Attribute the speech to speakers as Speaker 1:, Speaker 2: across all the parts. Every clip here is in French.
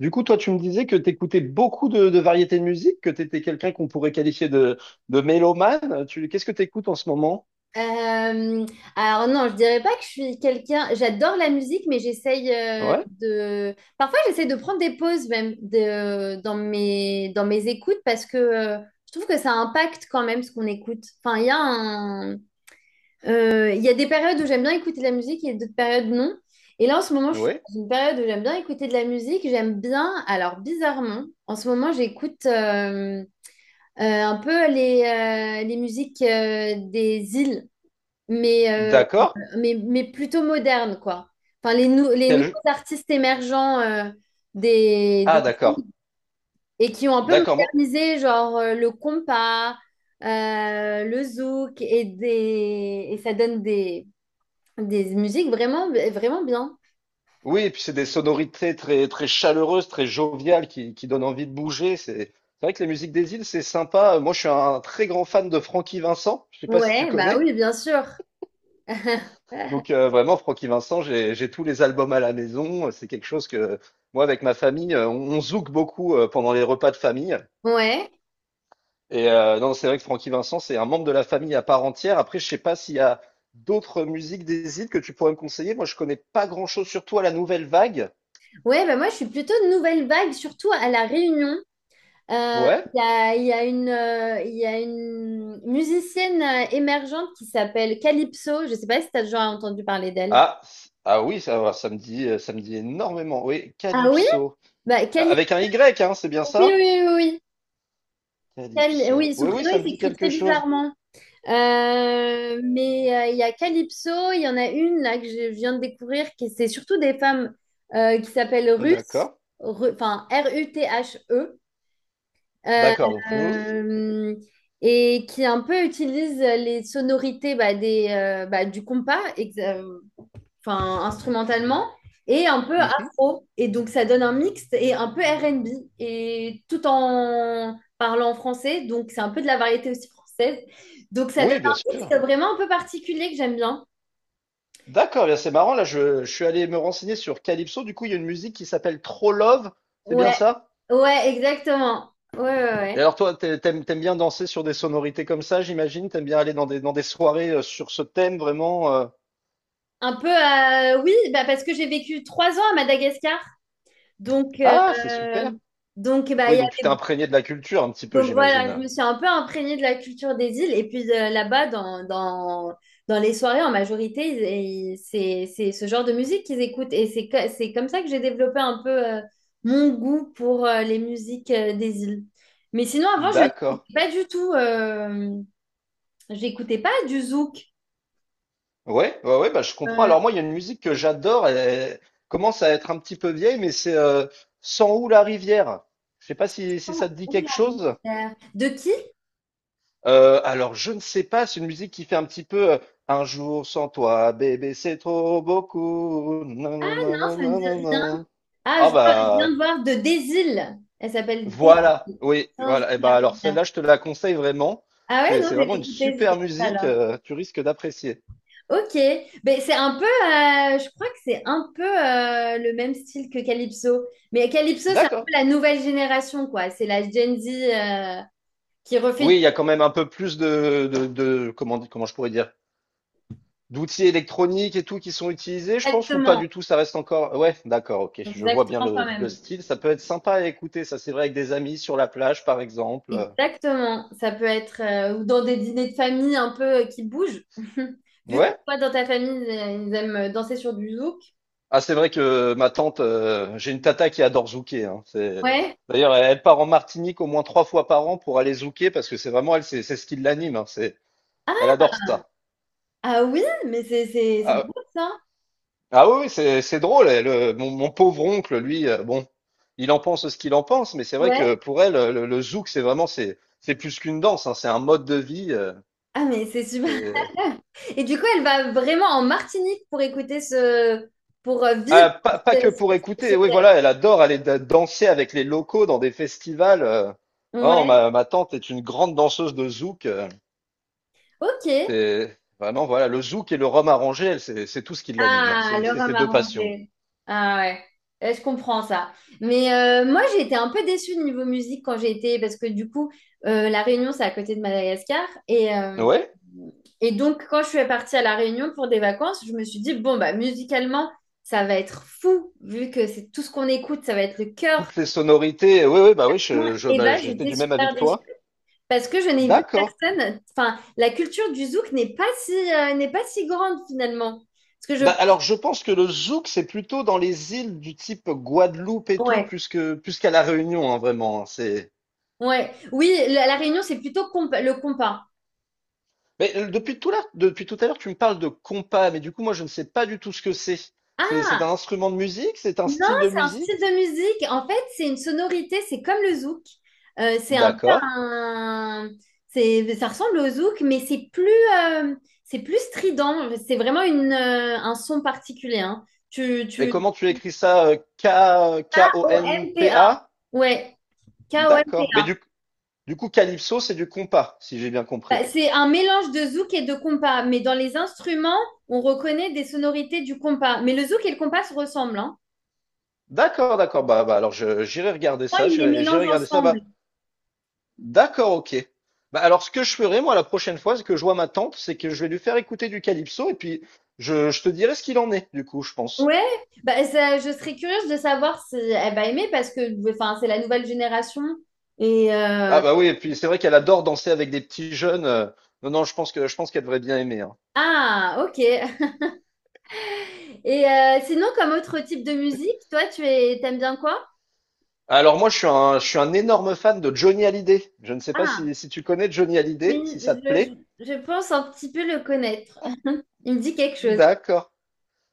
Speaker 1: Du coup, toi, tu me disais que tu écoutais beaucoup de variétés de musique, que tu étais quelqu'un qu'on pourrait qualifier de mélomane. Qu'est-ce que tu écoutes en ce moment?
Speaker 2: Euh, alors non, je dirais pas que je suis quelqu'un. J'adore la musique, mais j'essaye
Speaker 1: Ouais,
Speaker 2: de. Parfois, j'essaye de prendre des pauses même de, dans mes écoutes parce que je trouve que ça impacte quand même ce qu'on écoute. Enfin, il y a des périodes où j'aime bien écouter de la musique et d'autres périodes non. Et là, en ce moment, je suis
Speaker 1: ouais,
Speaker 2: dans une période où j'aime bien écouter de la musique. J'aime bien. Alors bizarrement, en ce moment, j'écoute un peu les musiques des îles. Mais euh,
Speaker 1: d'accord.
Speaker 2: mais plutôt moderne, quoi. Enfin, les nouveaux
Speaker 1: Quel...
Speaker 2: artistes émergents des,
Speaker 1: Ah,
Speaker 2: des
Speaker 1: d'accord,
Speaker 2: et qui ont un peu
Speaker 1: d'accord.
Speaker 2: modernisé, genre le compas, le zouk, et ça donne des musiques vraiment, vraiment bien.
Speaker 1: Oui, et puis c'est des sonorités très, très chaleureuses, très joviales, qui donnent envie de bouger. C'est vrai que les musiques des îles, c'est sympa. Moi, je suis un très grand fan de Francky Vincent. Je sais pas si tu
Speaker 2: Ouais, bah
Speaker 1: connais.
Speaker 2: oui, bien sûr.
Speaker 1: Donc vraiment, Francky Vincent, j'ai tous les albums à la maison. C'est quelque chose que moi, avec ma famille, on zouk beaucoup pendant les repas de famille.
Speaker 2: Ouais,
Speaker 1: Et non, c'est vrai que Francky Vincent, c'est un membre de la famille à part entière. Après, je sais pas s'il y a d'autres musiques des îles que tu pourrais me conseiller. Moi, je connais pas grand-chose, surtout à la nouvelle vague.
Speaker 2: ouais, bah moi je suis plutôt de nouvelle vague, surtout à La Réunion.
Speaker 1: Ouais.
Speaker 2: Il y a une, il y a une musicienne émergente qui s'appelle Calypso. Je ne sais pas si tu as déjà entendu parler d'elle.
Speaker 1: Ah, ah oui, ça va, ça me dit énormément. Oui,
Speaker 2: Ah oui?
Speaker 1: Calypso.
Speaker 2: Bah.
Speaker 1: Ah, avec un Y, hein, c'est bien
Speaker 2: Oui, oui,
Speaker 1: ça?
Speaker 2: oui. Oui. Oui. Cali-
Speaker 1: Calypso.
Speaker 2: oui, son
Speaker 1: Oui, oui,
Speaker 2: prénom,
Speaker 1: ça
Speaker 2: il
Speaker 1: me dit
Speaker 2: s'écrit
Speaker 1: quelque
Speaker 2: très
Speaker 1: chose.
Speaker 2: bizarrement. Mais il y a Calypso, il y en a une là que je viens de découvrir, qui c'est surtout des femmes qui s'appellent Ruth,
Speaker 1: D'accord.
Speaker 2: Enfin Ruthe. Euh,
Speaker 1: D'accord, donc Ruth.
Speaker 2: euh, et qui un peu utilise les sonorités bah, du compas, enfin, instrumentalement, et un peu
Speaker 1: Mhm.
Speaker 2: afro. Et donc ça donne un mix et un peu R&B, et tout en parlant français, donc c'est un peu de la variété aussi française. Donc ça donne
Speaker 1: Oui, bien
Speaker 2: un mix
Speaker 1: sûr.
Speaker 2: vraiment un peu particulier que j'aime bien.
Speaker 1: D'accord, bien c'est marrant. Là, je suis allé me renseigner sur Calypso. Du coup, il y a une musique qui s'appelle Trop Love. C'est bien
Speaker 2: Ouais,
Speaker 1: ça?
Speaker 2: ouais, exactement. Ouais, ouais,
Speaker 1: Et
Speaker 2: ouais.
Speaker 1: alors, toi, t'aimes bien danser sur des sonorités comme ça, j'imagine? T'aimes bien aller dans des soirées sur ce thème vraiment?
Speaker 2: Un peu, oui, bah, parce que j'ai vécu 3 ans à Madagascar. Donc, euh,
Speaker 1: Ah, c'est super.
Speaker 2: donc, bah,
Speaker 1: Oui,
Speaker 2: il y
Speaker 1: donc tu
Speaker 2: a-
Speaker 1: t'es imprégné de la culture un petit peu,
Speaker 2: donc voilà, je
Speaker 1: j'imagine.
Speaker 2: me suis un peu imprégnée de la culture des îles. Et puis là-bas, dans les soirées, en majorité, c'est ce genre de musique qu'ils écoutent. Et c'est comme ça que j'ai développé un peu mon goût pour les musiques des îles. Mais sinon, avant, je
Speaker 1: D'accord.
Speaker 2: n'écoutais pas du tout, j'écoutais pas du zouk.
Speaker 1: Ouais, ouais, ouais, bah, je comprends.
Speaker 2: Euh,
Speaker 1: Alors, moi, il y a une musique que j'adore. Elle commence à être un petit peu vieille, mais c'est Sans où la rivière. Je sais pas si
Speaker 2: oh,
Speaker 1: ça te dit
Speaker 2: oh,
Speaker 1: quelque
Speaker 2: la
Speaker 1: chose.
Speaker 2: misère. De qui?
Speaker 1: Alors je ne sais pas, c'est une musique qui fait un petit peu, «Un jour sans toi bébé c'est trop beaucoup,
Speaker 2: Ah
Speaker 1: nan nan
Speaker 2: non,
Speaker 1: nan
Speaker 2: ça me
Speaker 1: nan nan
Speaker 2: dit.
Speaker 1: nan».
Speaker 2: Ah,
Speaker 1: Ah
Speaker 2: je viens
Speaker 1: bah,
Speaker 2: de voir de Désil. Elle s'appelle Désil.
Speaker 1: voilà, oui,
Speaker 2: Sans
Speaker 1: voilà et
Speaker 2: la
Speaker 1: bah, alors
Speaker 2: rivière.
Speaker 1: celle-là je te la conseille vraiment.
Speaker 2: Ah ouais,
Speaker 1: C'est
Speaker 2: non,
Speaker 1: c'est
Speaker 2: je vais
Speaker 1: vraiment une
Speaker 2: l'écouter. C'est
Speaker 1: super
Speaker 2: ça,
Speaker 1: musique,
Speaker 2: alors.
Speaker 1: tu risques d'apprécier.
Speaker 2: Ok, ben, c'est un peu, je crois que c'est un peu le même style que Calypso. Mais Calypso, c'est un
Speaker 1: D'accord.
Speaker 2: peu la nouvelle génération, quoi. C'est la Gen Z qui refait du-.
Speaker 1: Oui, il y a quand même un peu plus de comment je pourrais dire? D'outils électroniques et tout qui sont utilisés, je pense, ou pas
Speaker 2: Exactement,
Speaker 1: du tout, ça reste encore. Ouais, d'accord, ok, je vois bien
Speaker 2: exactement quand
Speaker 1: le
Speaker 2: même.
Speaker 1: style. Ça peut être sympa à écouter, ça c'est vrai, avec des amis sur la plage, par exemple.
Speaker 2: Exactement, ça peut être ou dans des dîners de famille un peu qui bougent. Vu que
Speaker 1: Ouais.
Speaker 2: toi, dans ta famille, ils aiment danser sur du zouk.
Speaker 1: Ah, c'est vrai que ma tante, j'ai une tata qui adore zouker, hein. C'est...
Speaker 2: Ouais.
Speaker 1: D'ailleurs, elle, elle part en Martinique au moins trois fois par an pour aller zouker parce que c'est vraiment elle, c'est ce qui l'anime, hein. C'est... Elle adore ça.
Speaker 2: Ah oui, mais c'est
Speaker 1: Ah,
Speaker 2: drôle ça.
Speaker 1: ah oui, oui, c'est drôle. Elle, mon pauvre oncle, lui, bon, il en pense ce qu'il en pense, mais c'est vrai que
Speaker 2: Ouais.
Speaker 1: pour elle, le zouk, c'est vraiment, c'est plus qu'une danse, hein, c'est un mode de vie.
Speaker 2: Ah mais c'est super.
Speaker 1: C'est-
Speaker 2: Et du coup, elle va vraiment en Martinique pour écouter ce pour vivre
Speaker 1: ah, pas
Speaker 2: ce,
Speaker 1: que pour
Speaker 2: ce
Speaker 1: écouter. Oui,
Speaker 2: rêve.
Speaker 1: voilà, elle adore aller danser avec les locaux dans des festivals. Oh,
Speaker 2: Ouais.
Speaker 1: ma tante est une grande danseuse de zouk. euh,
Speaker 2: Ok.
Speaker 1: c'est vraiment, voilà, le zouk et le rhum arrangé, elle, c'est tout ce qui l'anime, hein.
Speaker 2: Ah,
Speaker 1: C'est
Speaker 2: le
Speaker 1: c'est ses
Speaker 2: rhum
Speaker 1: deux passions.
Speaker 2: arrangé. Ah ouais, je comprends ça. Mais moi, j'ai été un peu déçue de niveau musique quand j'ai été, parce que du coup, La Réunion, c'est à côté de Madagascar. Et, euh,
Speaker 1: Ouais,
Speaker 2: et donc, quand je suis partie à La Réunion pour des vacances, je me suis dit, bon, bah, musicalement, ça va être fou, vu que c'est tout ce qu'on écoute, ça va être le cœur.
Speaker 1: toutes les sonorités. Oui, oui, bah oui, je,
Speaker 2: Et
Speaker 1: bah,
Speaker 2: bah,
Speaker 1: j'étais
Speaker 2: j'étais
Speaker 1: du même avis
Speaker 2: super
Speaker 1: que
Speaker 2: déçue.
Speaker 1: toi.
Speaker 2: Parce que je n'ai vu
Speaker 1: D'accord.
Speaker 2: personne. Enfin, la culture du zouk n'est pas si grande finalement. Parce que je...
Speaker 1: Bah, alors, je pense que le zouk, c'est plutôt dans les îles du type Guadeloupe et tout, plus qu'à La Réunion, hein, vraiment, hein, c'est...
Speaker 2: Ouais. Oui, la Réunion, c'est plutôt le compas.
Speaker 1: Mais depuis tout à l'heure, tu me parles de compas, mais du coup, moi, je ne sais pas du tout ce que c'est. C'est un
Speaker 2: Ah,
Speaker 1: instrument de musique? C'est un
Speaker 2: non,
Speaker 1: style de
Speaker 2: c'est un style
Speaker 1: musique?
Speaker 2: de musique. En fait, c'est une sonorité, c'est comme le zouk. C'est un peu
Speaker 1: D'accord.
Speaker 2: un... Ça ressemble au zouk, mais euh, c'est plus strident. C'est vraiment un son particulier, hein.
Speaker 1: Et comment tu écris ça?
Speaker 2: Kompa.
Speaker 1: K-O-N-P-A?
Speaker 2: Ouais,
Speaker 1: D'accord. Mais
Speaker 2: Kompa.
Speaker 1: du coup, calypso, c'est du compas, si j'ai bien
Speaker 2: Bah,
Speaker 1: compris.
Speaker 2: c'est un mélange de zouk et de compas. Mais dans les instruments, on reconnaît des sonorités du compas. Mais le zouk et le compas se ressemblent, hein.
Speaker 1: D'accord, d'accord. Bah, alors, j'irai regarder
Speaker 2: Souvent,
Speaker 1: ça.
Speaker 2: ils les
Speaker 1: J'irai
Speaker 2: mélangent
Speaker 1: regarder ça.
Speaker 2: ensemble.
Speaker 1: Bah, d'accord, OK. Bah, alors, ce que je ferai, moi, la prochaine fois, c'est que je vois ma tante, c'est que je vais lui faire écouter du calypso et puis je te dirai ce qu'il en est, du coup, je pense.
Speaker 2: Ouais, bah, je serais curieuse de savoir si elle va aimer parce que enfin, c'est la nouvelle génération. Et
Speaker 1: Ah,
Speaker 2: euh,
Speaker 1: bah oui, et puis c'est vrai qu'elle adore danser avec des petits jeunes. Non, non, je pense qu'elle devrait bien aimer, hein.
Speaker 2: Ah, ok. Et sinon, comme autre type de musique, toi, t'aimes bien quoi?
Speaker 1: Alors, moi, je suis un énorme fan de Johnny Hallyday. Je ne sais pas
Speaker 2: Ah,
Speaker 1: si tu connais Johnny
Speaker 2: oui,
Speaker 1: Hallyday, si ça te
Speaker 2: je,
Speaker 1: plaît.
Speaker 2: je- je pense un petit peu le connaître. Il me dit quelque chose.
Speaker 1: D'accord.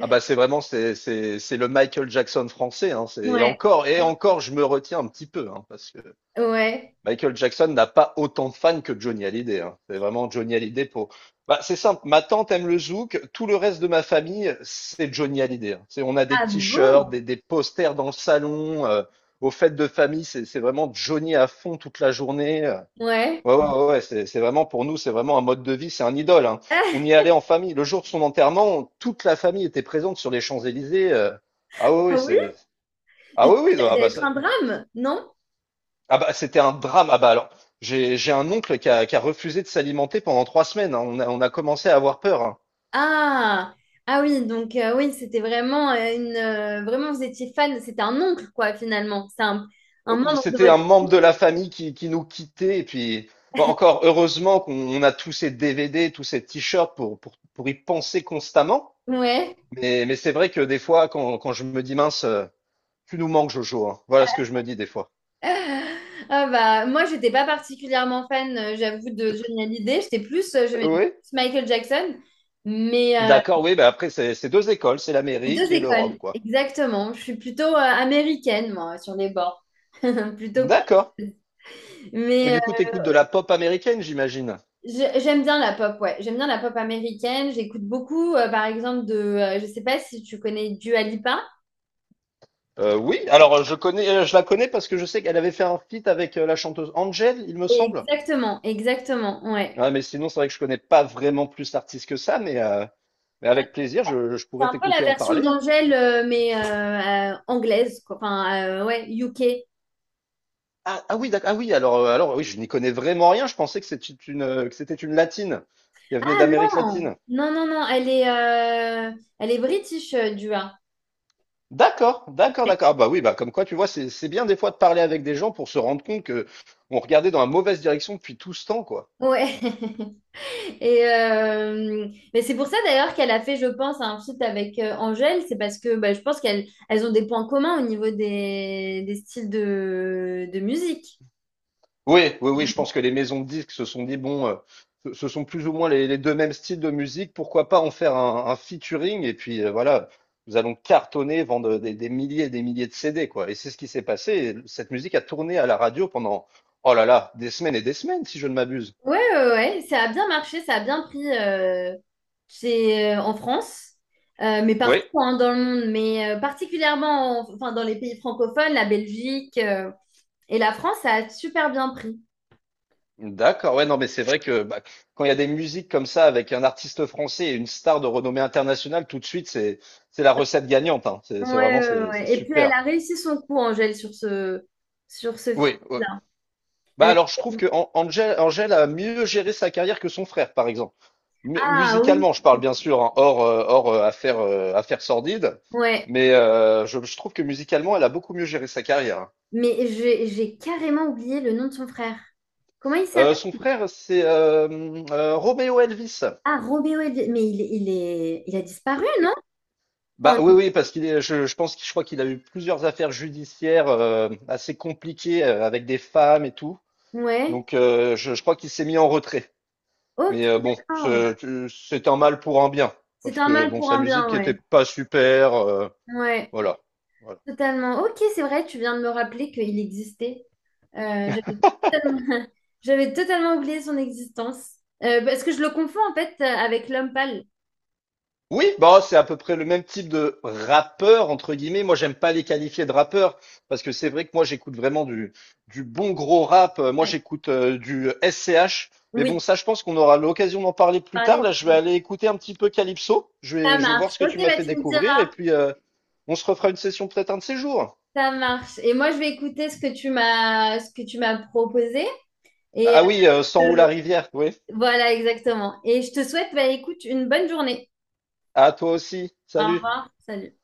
Speaker 1: Ah, bah, c'est vraiment, c'est le Michael Jackson français, hein. C'est,
Speaker 2: Ouais.
Speaker 1: et encore, je me retiens un petit peu, hein, parce que
Speaker 2: Ouais.
Speaker 1: Michael Jackson n'a pas autant de fans que Johnny Hallyday, hein. C'est vraiment Johnny Hallyday pour. Bah, c'est simple. Ma tante aime le zouk. Tout le reste de ma famille, c'est Johnny Hallyday, hein. C'est, on a des
Speaker 2: Ah
Speaker 1: t-shirts,
Speaker 2: bon?
Speaker 1: des posters dans le salon. Aux fêtes de famille, c'est vraiment Johnny à fond toute la journée.
Speaker 2: Ouais.
Speaker 1: Ouais, ouais, ouais. Ouais, c'est vraiment pour nous, c'est vraiment un mode de vie, c'est un idole, hein. On y allait en famille. Le jour de son enterrement, toute la famille était présente sur les Champs-Élysées. Ah oui,
Speaker 2: Ah
Speaker 1: oui,
Speaker 2: oui?
Speaker 1: c'est.
Speaker 2: Mais
Speaker 1: Ah
Speaker 2: du
Speaker 1: oui,
Speaker 2: coup,
Speaker 1: oui.
Speaker 2: ça
Speaker 1: ah
Speaker 2: doit
Speaker 1: bah
Speaker 2: être
Speaker 1: ça-
Speaker 2: un drame, non?
Speaker 1: ah bah c'était un drame. Ah bah alors, j'ai un oncle qui a refusé de s'alimenter pendant 3 semaines, hein. On a commencé à avoir peur, hein.
Speaker 2: Ah, ah oui, donc oui, c'était vraiment vous étiez fan, c'était un oncle quoi finalement, c'est un membre de
Speaker 1: C'était un
Speaker 2: votre
Speaker 1: membre de la famille qui nous quittait. Et puis, bon, encore heureusement qu'on on a tous ces DVD, tous ces t-shirts pour y penser constamment.
Speaker 2: ouais.
Speaker 1: Mais, c'est vrai que des fois, quand je me dis, mince, tu nous manques, Jojo, hein. Voilà ce que je me dis des fois.
Speaker 2: Ah bah moi j'étais pas particulièrement fan, j'avoue de Johnny Hallyday, j'étais plus j'aimais
Speaker 1: Oui.
Speaker 2: plus Michael Jackson, mais
Speaker 1: D'accord, oui. Bah après, c'est deux écoles, c'est
Speaker 2: les
Speaker 1: l'Amérique
Speaker 2: deux
Speaker 1: et l'Europe,
Speaker 2: écoles
Speaker 1: quoi.
Speaker 2: exactement, je suis plutôt américaine moi sur les bords, plutôt.
Speaker 1: D'accord. Et
Speaker 2: Mais
Speaker 1: du coup, t'écoutes de la pop américaine, j'imagine.
Speaker 2: j'aime bien la pop, ouais. J'aime bien la pop américaine. J'écoute beaucoup, par exemple, je sais pas si tu connais Dua Lipa.
Speaker 1: Oui, alors je la connais parce que je sais qu'elle avait fait un feat avec la chanteuse Angel, il me semble.
Speaker 2: Exactement, exactement, ouais.
Speaker 1: Ouais, mais sinon, c'est vrai que je connais pas vraiment plus l'artiste que ça, mais avec plaisir, je
Speaker 2: C'est
Speaker 1: pourrais
Speaker 2: un peu la
Speaker 1: t'écouter en
Speaker 2: version
Speaker 1: parler, hein.
Speaker 2: d'Angèle, mais anglaise, quoi. Enfin, ouais, UK.
Speaker 1: Ah, ah oui, d'accord. Ah oui, alors, alors oui, je n'y connais vraiment rien. Je pensais que c'était une latine, qu'elle venait
Speaker 2: Ah
Speaker 1: d'Amérique
Speaker 2: non,
Speaker 1: latine.
Speaker 2: non, non, non, elle est british, Dua.
Speaker 1: D'accord, d'accord, d'accord. Ah bah oui, bah comme quoi, tu vois, c'est bien des fois de parler avec des gens pour se rendre compte que on regardait dans la mauvaise direction depuis tout ce temps, quoi.
Speaker 2: Ouais. Mais c'est pour ça d'ailleurs qu'elle a fait, je pense, un feat avec Angèle. C'est parce que bah, je pense qu'elles ont des points communs au niveau des styles de musique.
Speaker 1: Oui, oui, oui, je pense que les maisons de disques se sont dit, bon, ce sont plus ou moins les deux mêmes styles de musique, pourquoi pas en faire un featuring et puis voilà, nous allons cartonner, vendre des milliers et des milliers de CD, quoi. Et c'est ce qui s'est passé. Et cette musique a tourné à la radio pendant, oh là là, des semaines et des semaines, si je ne m'abuse.
Speaker 2: Ouais, ouais, ouais, ça a bien marché, ça a bien pris en France, mais
Speaker 1: Oui,
Speaker 2: partout hein, dans le monde, mais particulièrement enfin, dans les pays francophones, la Belgique et la France, ça a super bien pris.
Speaker 1: d'accord, ouais, non, mais c'est vrai que bah, quand il y a des musiques comme ça avec un artiste français et une star de renommée internationale, tout de suite, c'est la recette gagnante, hein. C'est
Speaker 2: Ouais,
Speaker 1: c'est vraiment,
Speaker 2: ouais,
Speaker 1: c'est
Speaker 2: ouais. Et puis elle
Speaker 1: super.
Speaker 2: a réussi son coup, Angèle, sur ce,
Speaker 1: Oui,
Speaker 2: feat-là.
Speaker 1: bah
Speaker 2: Elle a
Speaker 1: alors je trouve que Angel a mieux géré sa carrière que son frère, par exemple.
Speaker 2: Ah oui,
Speaker 1: Musicalement, je parle bien sûr, hein, hors affaire sordide,
Speaker 2: ouais.
Speaker 1: mais je trouve que musicalement, elle a beaucoup mieux géré sa carrière, hein.
Speaker 2: Mais j'ai carrément oublié le nom de son frère. Comment il s'appelle?
Speaker 1: Son frère, c'est Romeo Elvis.
Speaker 2: Ah, Robéo Elvi-. Mais il a disparu,
Speaker 1: Et-
Speaker 2: non?
Speaker 1: Bah
Speaker 2: Enfin,
Speaker 1: oui, oui, parce je pense, que je crois qu'il a eu plusieurs affaires judiciaires assez compliquées avec des femmes et tout.
Speaker 2: ouais.
Speaker 1: Donc je crois qu'il s'est mis en retrait.
Speaker 2: Ok,
Speaker 1: Mais bon,
Speaker 2: d'accord.
Speaker 1: c'est un mal pour un bien,
Speaker 2: C'est
Speaker 1: parce
Speaker 2: un
Speaker 1: que
Speaker 2: mal
Speaker 1: bon,
Speaker 2: pour
Speaker 1: sa
Speaker 2: un bien,
Speaker 1: musique était
Speaker 2: ouais.
Speaker 1: pas super,
Speaker 2: Ouais,
Speaker 1: voilà. Voilà.
Speaker 2: totalement. Ok, c'est vrai, tu viens de me rappeler qu'il existait. Euh, j'avais totalement, j'avais totalement oublié son existence. Parce que je le confonds en fait avec l'homme pâle.
Speaker 1: Oui, bah c'est à peu près le même type de rappeur entre guillemets. Moi, j'aime pas les qualifier de rappeur parce que c'est vrai que moi j'écoute vraiment du bon gros rap. Moi,
Speaker 2: Ouais.
Speaker 1: j'écoute du SCH. Mais bon,
Speaker 2: Oui,
Speaker 1: ça, je pense qu'on aura l'occasion d'en parler plus tard.
Speaker 2: parler.
Speaker 1: Là, je vais aller écouter un petit peu Calypso. Je
Speaker 2: Ça
Speaker 1: vais je vais
Speaker 2: marche.
Speaker 1: voir ce que
Speaker 2: Ok,
Speaker 1: tu m'as
Speaker 2: bah
Speaker 1: fait
Speaker 2: tu me dis.
Speaker 1: découvrir et puis on se refera une session peut-être un de ces jours.
Speaker 2: Ça marche. Et moi, je vais écouter ce que tu m'as proposé. Et
Speaker 1: Ah oui, sans ou la
Speaker 2: euh,
Speaker 1: rivière, oui.
Speaker 2: voilà, exactement. Et je te souhaite, bah, écoute, une bonne journée.
Speaker 1: À toi aussi.
Speaker 2: Au
Speaker 1: Salut.
Speaker 2: revoir. Salut.